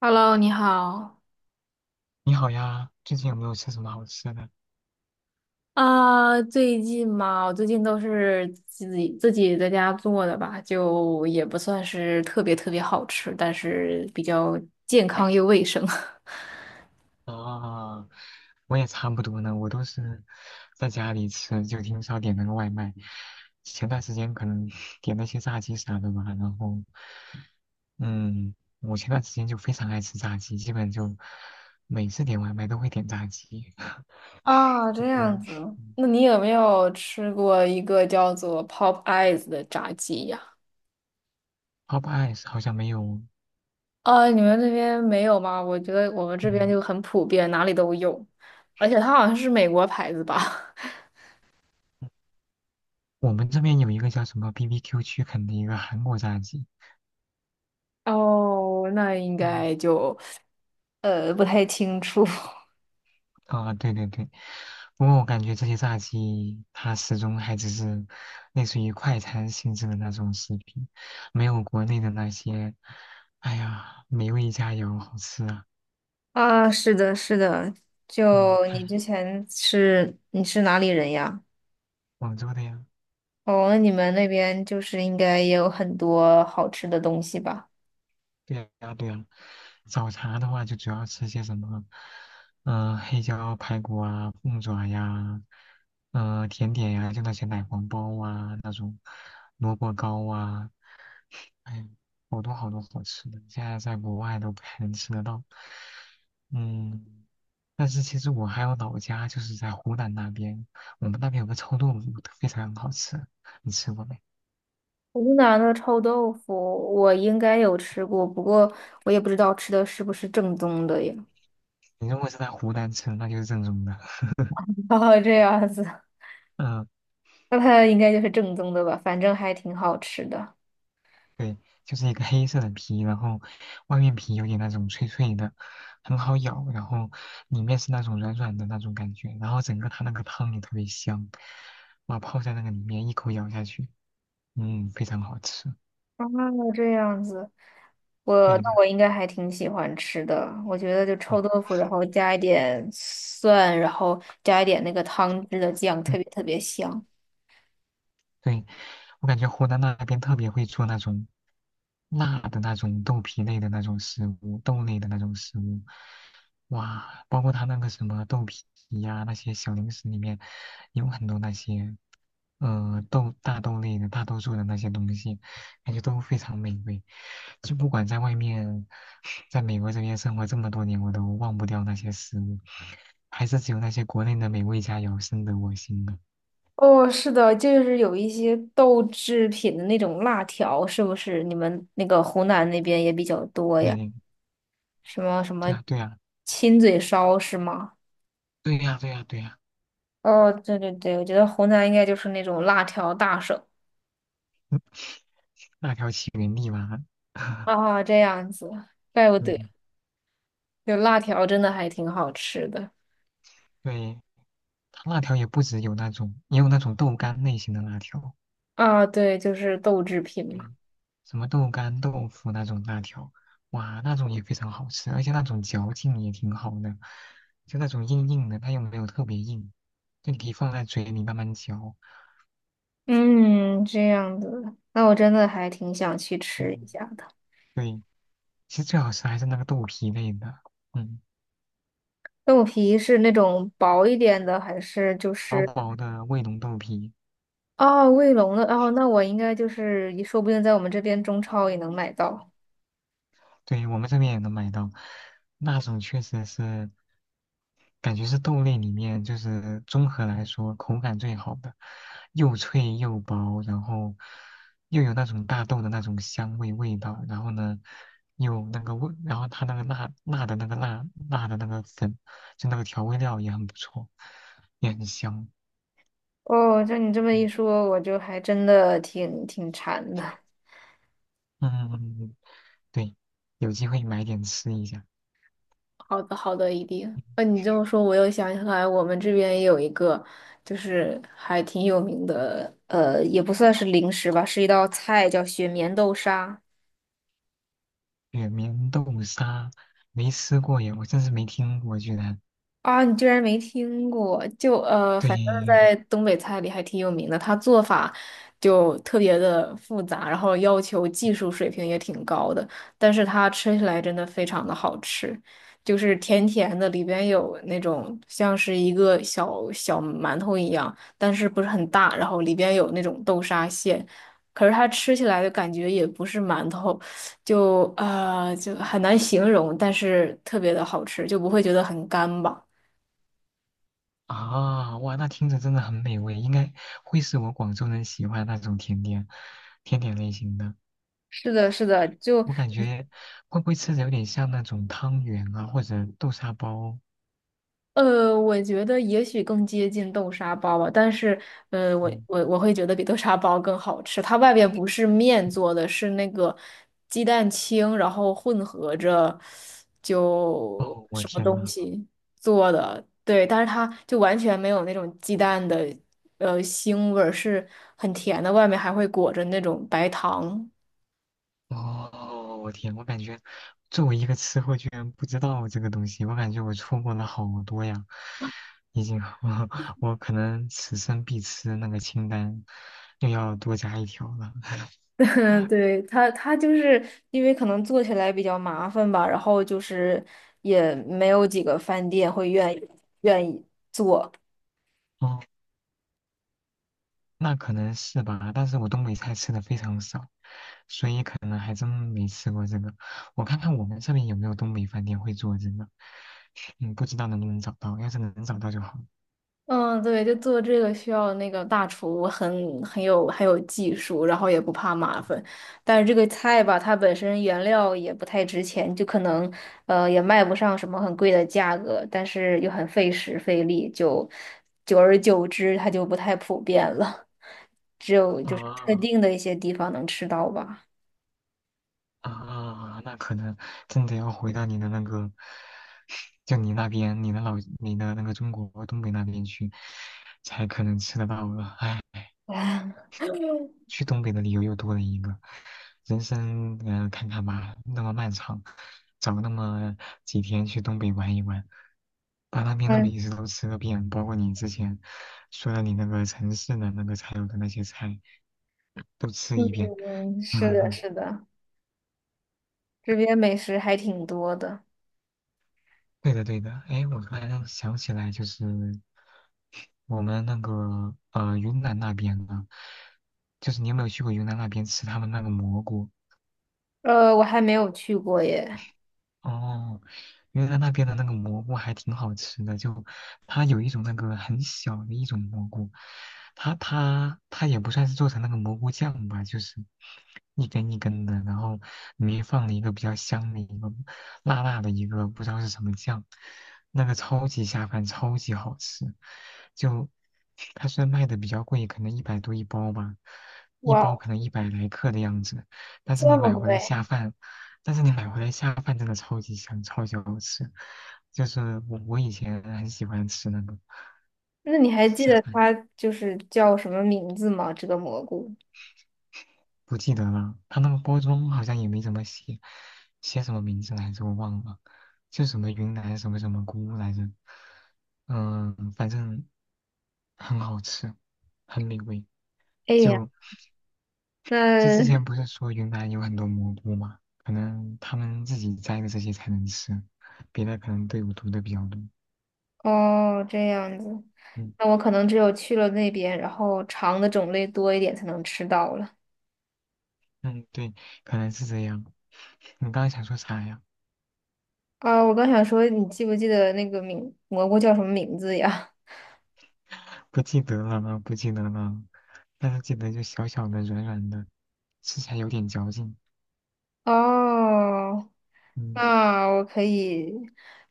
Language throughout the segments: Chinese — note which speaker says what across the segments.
Speaker 1: Hello，你好。
Speaker 2: 你好呀，最近有没有吃什么好吃的？
Speaker 1: 啊，最近嘛，我最近都是自己在家做的吧，就也不算是特别好吃，但是比较健康又卫生。
Speaker 2: 啊，我也差不多呢，我都是在家里吃，就挺少点那个外卖。前段时间可能 点那些炸鸡啥的吧，然后，嗯，我前段时间就非常爱吃炸鸡，基本就每次点外卖都会点炸鸡。
Speaker 1: 啊，这样
Speaker 2: 嗯。
Speaker 1: 子，那你有没有吃过一个叫做 Pop Eyes 的炸鸡呀？
Speaker 2: Pop Eyes 好像没有，
Speaker 1: 啊，你们那边没有吗？我觉得我们这边
Speaker 2: 嗯，
Speaker 1: 就很普遍，哪里都有，而且它好像是美国牌子吧？
Speaker 2: 我们这边有一个叫什么 BBQ 区肯的一个韩国炸鸡。
Speaker 1: 哦，那应
Speaker 2: 嗯。
Speaker 1: 该就不太清楚。
Speaker 2: 啊，对对对，不过我感觉这些炸鸡它始终还只是类似于快餐性质的那种食品，没有国内的那些，哎呀，美味佳肴好吃啊。
Speaker 1: 啊，是的，是的，
Speaker 2: 嗯，
Speaker 1: 就你
Speaker 2: 看
Speaker 1: 之前是你是哪里人呀？
Speaker 2: 广州的呀，
Speaker 1: 哦，那你们那边就是应该也有很多好吃的东西吧？
Speaker 2: 对呀对呀，早茶的话就主要吃些什么，嗯、黑椒排骨啊，凤爪呀，嗯、甜点呀，就那些奶黄包啊，那种萝卜糕啊。哎，好多好多好吃的，现在在国外都不太能吃得到。嗯，但是其实我还有老家，就是在湖南那边，我们那边有个臭豆腐，非常好吃，你吃过没？
Speaker 1: 湖南的臭豆腐我应该有吃过，不过我也不知道吃的是不是正宗的呀
Speaker 2: 你如果是在湖南吃，那就是正宗的。
Speaker 1: 哦，这样子，
Speaker 2: 嗯，
Speaker 1: 那它应该就是正宗的吧？反正还挺好吃的。
Speaker 2: 对，就是一个黑色的皮，然后外面皮有点那种脆脆的，很好咬，然后里面是那种软软的那种感觉，然后整个它那个汤也特别香，哇，泡在那个里面一口咬下去，嗯，非常好吃。
Speaker 1: 啊，这样子。我
Speaker 2: 对
Speaker 1: 那
Speaker 2: 的，
Speaker 1: 我应该还挺喜欢吃的，我觉得就
Speaker 2: 对，
Speaker 1: 臭豆腐，然后加一点蒜，然后加一点那个汤汁的酱，
Speaker 2: 嗯，
Speaker 1: 特别香。
Speaker 2: 对，我感觉湖南那边特别会做那种辣的那种豆皮类的那种食物，豆类的那种食物，哇，包括他那个什么豆皮呀、那些小零食里面有很多那些，豆大豆类的大多数的那些东西，感觉都非常美味。就不管在外面，在美国这边生活这么多年，我都忘不掉那些食物，还是只有那些国内的美味佳肴深得我心呢。
Speaker 1: 哦，是的，就是有一些豆制品的那种辣条，是不是你们那个湖南那边也比较多呀？
Speaker 2: 对。
Speaker 1: 什么什么
Speaker 2: 对呀，对呀，
Speaker 1: 亲嘴烧是吗？
Speaker 2: 对呀，对呀，对呀，
Speaker 1: 哦，对对对，我觉得湖南应该就是那种辣条大省。
Speaker 2: 辣条起源地嘛，
Speaker 1: 啊，这样子，怪不得，
Speaker 2: 嗯，
Speaker 1: 就辣条真的还挺好吃的。
Speaker 2: 对，它辣条也不只有那种，也有那种豆干类型的辣条，
Speaker 1: 啊，对，就是豆制品嘛。
Speaker 2: 对，什么豆干、豆腐那种辣条，哇，那种也非常好吃，而且那种嚼劲也挺好的，就那种硬硬的，它又没有特别硬，就你可以放在嘴里慢慢嚼，
Speaker 1: 嗯，这样子，那我真的还挺想去吃一
Speaker 2: 嗯，
Speaker 1: 下的。
Speaker 2: 对，其实最好吃还是那个豆皮类的，嗯，
Speaker 1: 豆皮是那种薄一点的，还是就
Speaker 2: 薄
Speaker 1: 是
Speaker 2: 薄的卫龙豆皮，
Speaker 1: 哦卫龙的？哦，那我应该就是说不定在我们这边中超也能买到。
Speaker 2: 对，我们这边也能买到，那种确实是，感觉是豆类里面就是综合来说口感最好的，又脆又薄，然后又有那种大豆的那种香味味道，然后呢，又那个味，然后它那个辣辣的那个粉，就那个调味料也很不错，也很香。
Speaker 1: 哦，这你这么
Speaker 2: 嗯
Speaker 1: 一说，我就还真的挺馋的。
Speaker 2: 嗯，嗯嗯嗯对，有机会买点吃一下。
Speaker 1: 好的，好的，一定。那你这么说，我又想起来，我们这边也有一个，就是还挺有名的，也不算是零食吧，是一道菜，叫雪棉豆沙。
Speaker 2: 雪棉豆沙没吃过耶，我真是没听过，居然。
Speaker 1: 啊，你居然没听过？就反正
Speaker 2: 对
Speaker 1: 在东北菜里还挺有名的，它做法就特别的复杂，然后要求技术水平也挺高的，但是它吃起来真的非常的好吃，就是甜甜的，里边有那种像是一个小小馒头一样，但是不是很大，然后里边有那种豆沙馅，可是它吃起来的感觉也不是馒头，就就很难形容，但是特别的好吃，就不会觉得很干吧。
Speaker 2: 啊，哇，那听着真的很美味，应该会是我广州人喜欢的那种甜点，甜点类型的。
Speaker 1: 是的，是的，就
Speaker 2: 我感觉会不会吃着有点像那种汤圆啊，或者豆沙包？
Speaker 1: 我觉得也许更接近豆沙包吧，但是我
Speaker 2: 嗯，
Speaker 1: 我我会觉得比豆沙包更好吃。它外边不是面做的，是那个鸡蛋清，然后混合着就
Speaker 2: 哦，我
Speaker 1: 什么
Speaker 2: 天
Speaker 1: 东
Speaker 2: 呐！
Speaker 1: 西做的，对，但是它就完全没有那种鸡蛋的腥味儿，是很甜的，外面还会裹着那种白糖。
Speaker 2: 哦，我天，我感觉作为一个吃货，居然不知道这个东西，我感觉我错过了好多呀。已经，我可能此生必吃那个清单又要多加一条了。
Speaker 1: 嗯，对，他，他就是因为可能做起来比较麻烦吧，然后就是也没有几个饭店会愿意愿意做。
Speaker 2: 哦，那可能是吧，但是我东北菜吃的非常少，所以呢还真没吃过这个。我看看我们这边有没有东北饭店会做这个，嗯，不知道能不能找到，要是能找到就好。
Speaker 1: 嗯，对，就做这个需要那个大厨很有有技术，然后也不怕麻烦。但是这个菜吧，它本身原料也不太值钱，就可能也卖不上什么很贵的价格，但是又很费时费力，就久而久之它就不太普遍了。特
Speaker 2: 啊，
Speaker 1: 定的一些地方能吃到吧。
Speaker 2: 啊，那可能真的要回到你的那个，就你那边，你的老，你的那个中国东北那边去，才可能吃得到了。唉，
Speaker 1: 啊，
Speaker 2: 去东北的理由又多了一个，人生，看看吧，那么漫长，找那么几天去东北玩一玩，把那边的
Speaker 1: 嗯，
Speaker 2: 美食都吃个遍，包括你之前说的你那个城市的那个才有的那些菜都吃一遍。
Speaker 1: 嗯，是的，
Speaker 2: 嗯
Speaker 1: 是的，这边美食还挺多的。
Speaker 2: 对的，对的。哎，我突然想起来，就是我们那个云南那边的，就是你有没有去过云南那边吃他们那个蘑菇？
Speaker 1: 我还没有去过耶。
Speaker 2: 哦，因为来那边的那个蘑菇还挺好吃的，就它有一种那个很小的一种蘑菇，它也不算是做成那个蘑菇酱吧，就是一根一根的，然后里面放了一个比较香的一个辣辣的一个不知道是什么酱，那个超级下饭，超级好吃。就它虽然卖的比较贵，可能一百多一包吧，一
Speaker 1: 哇
Speaker 2: 包
Speaker 1: 哦
Speaker 2: 可能一百来克的样子，但是
Speaker 1: 这
Speaker 2: 你买
Speaker 1: 么
Speaker 2: 回来
Speaker 1: 贵？
Speaker 2: 下饭。但是你买回来下饭真的超级香，超级好吃。就是我以前很喜欢吃那个
Speaker 1: 那你还记
Speaker 2: 下
Speaker 1: 得
Speaker 2: 饭，
Speaker 1: 它就是叫什么名字吗？这个蘑菇？
Speaker 2: 不记得了，它那个包装好像也没怎么写，写什么名字来着我忘了，就什么云南什么什么菇来着，嗯，反正很好吃，很美味。
Speaker 1: 哎呀，
Speaker 2: 就就之前
Speaker 1: 那
Speaker 2: 不是说云南有很多蘑菇嘛，可能他们自己摘的这些才能吃，别的可能队伍毒的比较多。
Speaker 1: 哦，这样子，
Speaker 2: 嗯。
Speaker 1: 那我可能只有去了那边，然后尝的种类多一点才能吃到了。
Speaker 2: 嗯，对，可能是这样。你刚刚想说啥呀？
Speaker 1: 啊，我刚想说，你记不记得那个名蘑菇叫什么名字呀？
Speaker 2: 不记得了，不记得了，但是记得就小小的、软软的，吃起来有点嚼劲。
Speaker 1: 哦，
Speaker 2: 嗯，
Speaker 1: 那我可以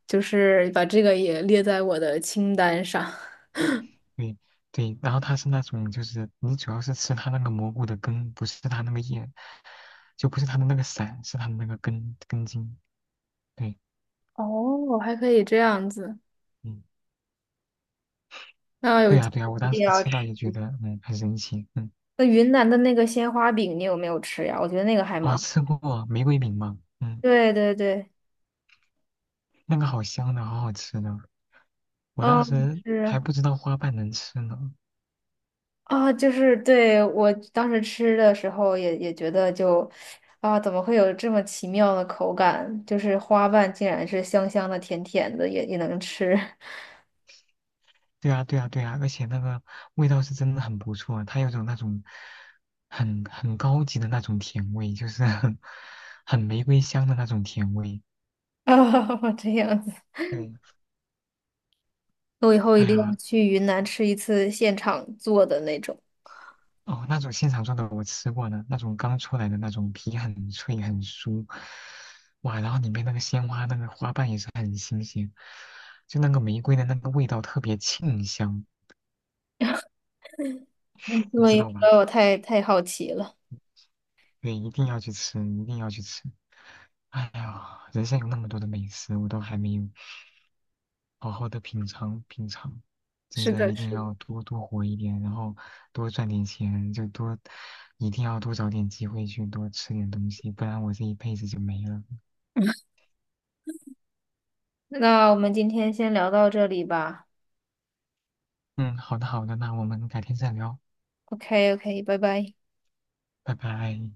Speaker 1: 就是把这个也列在我的清单上。
Speaker 2: 对对。然后它是那种，就是你主要是吃它那个蘑菇的根，不是它那个叶，就不是它的那个伞，是它的那个根根茎。对，
Speaker 1: 哦，还可以这样子，
Speaker 2: 嗯，
Speaker 1: 那有
Speaker 2: 对
Speaker 1: 机
Speaker 2: 呀、对呀、
Speaker 1: 会
Speaker 2: 我
Speaker 1: 一
Speaker 2: 当
Speaker 1: 定
Speaker 2: 时
Speaker 1: 要
Speaker 2: 吃到
Speaker 1: 吃。
Speaker 2: 也觉得，嗯，很神奇。嗯，
Speaker 1: 那云南的那个鲜花饼，你有没有吃呀？我觉得那个还
Speaker 2: 哦，
Speaker 1: 蛮……
Speaker 2: 吃过玫瑰饼吗？嗯，
Speaker 1: 对对对，
Speaker 2: 那个好香的，好好吃的。我当
Speaker 1: 啊，
Speaker 2: 时还
Speaker 1: 是
Speaker 2: 不知道花瓣能吃呢。
Speaker 1: 啊，就是对我当时吃的时候也觉得就啊，怎么会有这么奇妙的口感？就是花瓣竟然是香香的、甜甜的，也能吃。
Speaker 2: 对啊，对啊，对啊，而且那个味道是真的很不错，它有种那种很高级的那种甜味，就是 很玫瑰香的那种甜味。
Speaker 1: 啊，这样子。
Speaker 2: 对，
Speaker 1: 我以后一
Speaker 2: 哎
Speaker 1: 定要
Speaker 2: 呀，
Speaker 1: 去云南吃一次现场做的那种，
Speaker 2: 哦，那种现场做的我吃过呢，那种刚出来的那种皮很脆很酥，哇，然后里面那个鲜花那个花瓣也是很新鲜，就那个玫瑰的那个味道特别沁香，
Speaker 1: 嗯因
Speaker 2: 你知
Speaker 1: 为
Speaker 2: 道吧？
Speaker 1: 我太好奇了。
Speaker 2: 对，一定要去吃，一定要去吃。哎呀，人生有那么多的美食，我都还没有好好的品尝品尝。真
Speaker 1: 是
Speaker 2: 的，
Speaker 1: 的，
Speaker 2: 一定
Speaker 1: 是的。
Speaker 2: 要多多活一点，然后多赚点钱，就多，一定要多找点机会去多吃点东西，不然我这一辈子就没了。
Speaker 1: 那我们今天先聊到这里吧。
Speaker 2: 嗯，好的好的，那我们改天再聊，
Speaker 1: OK OK，拜拜。
Speaker 2: 拜拜。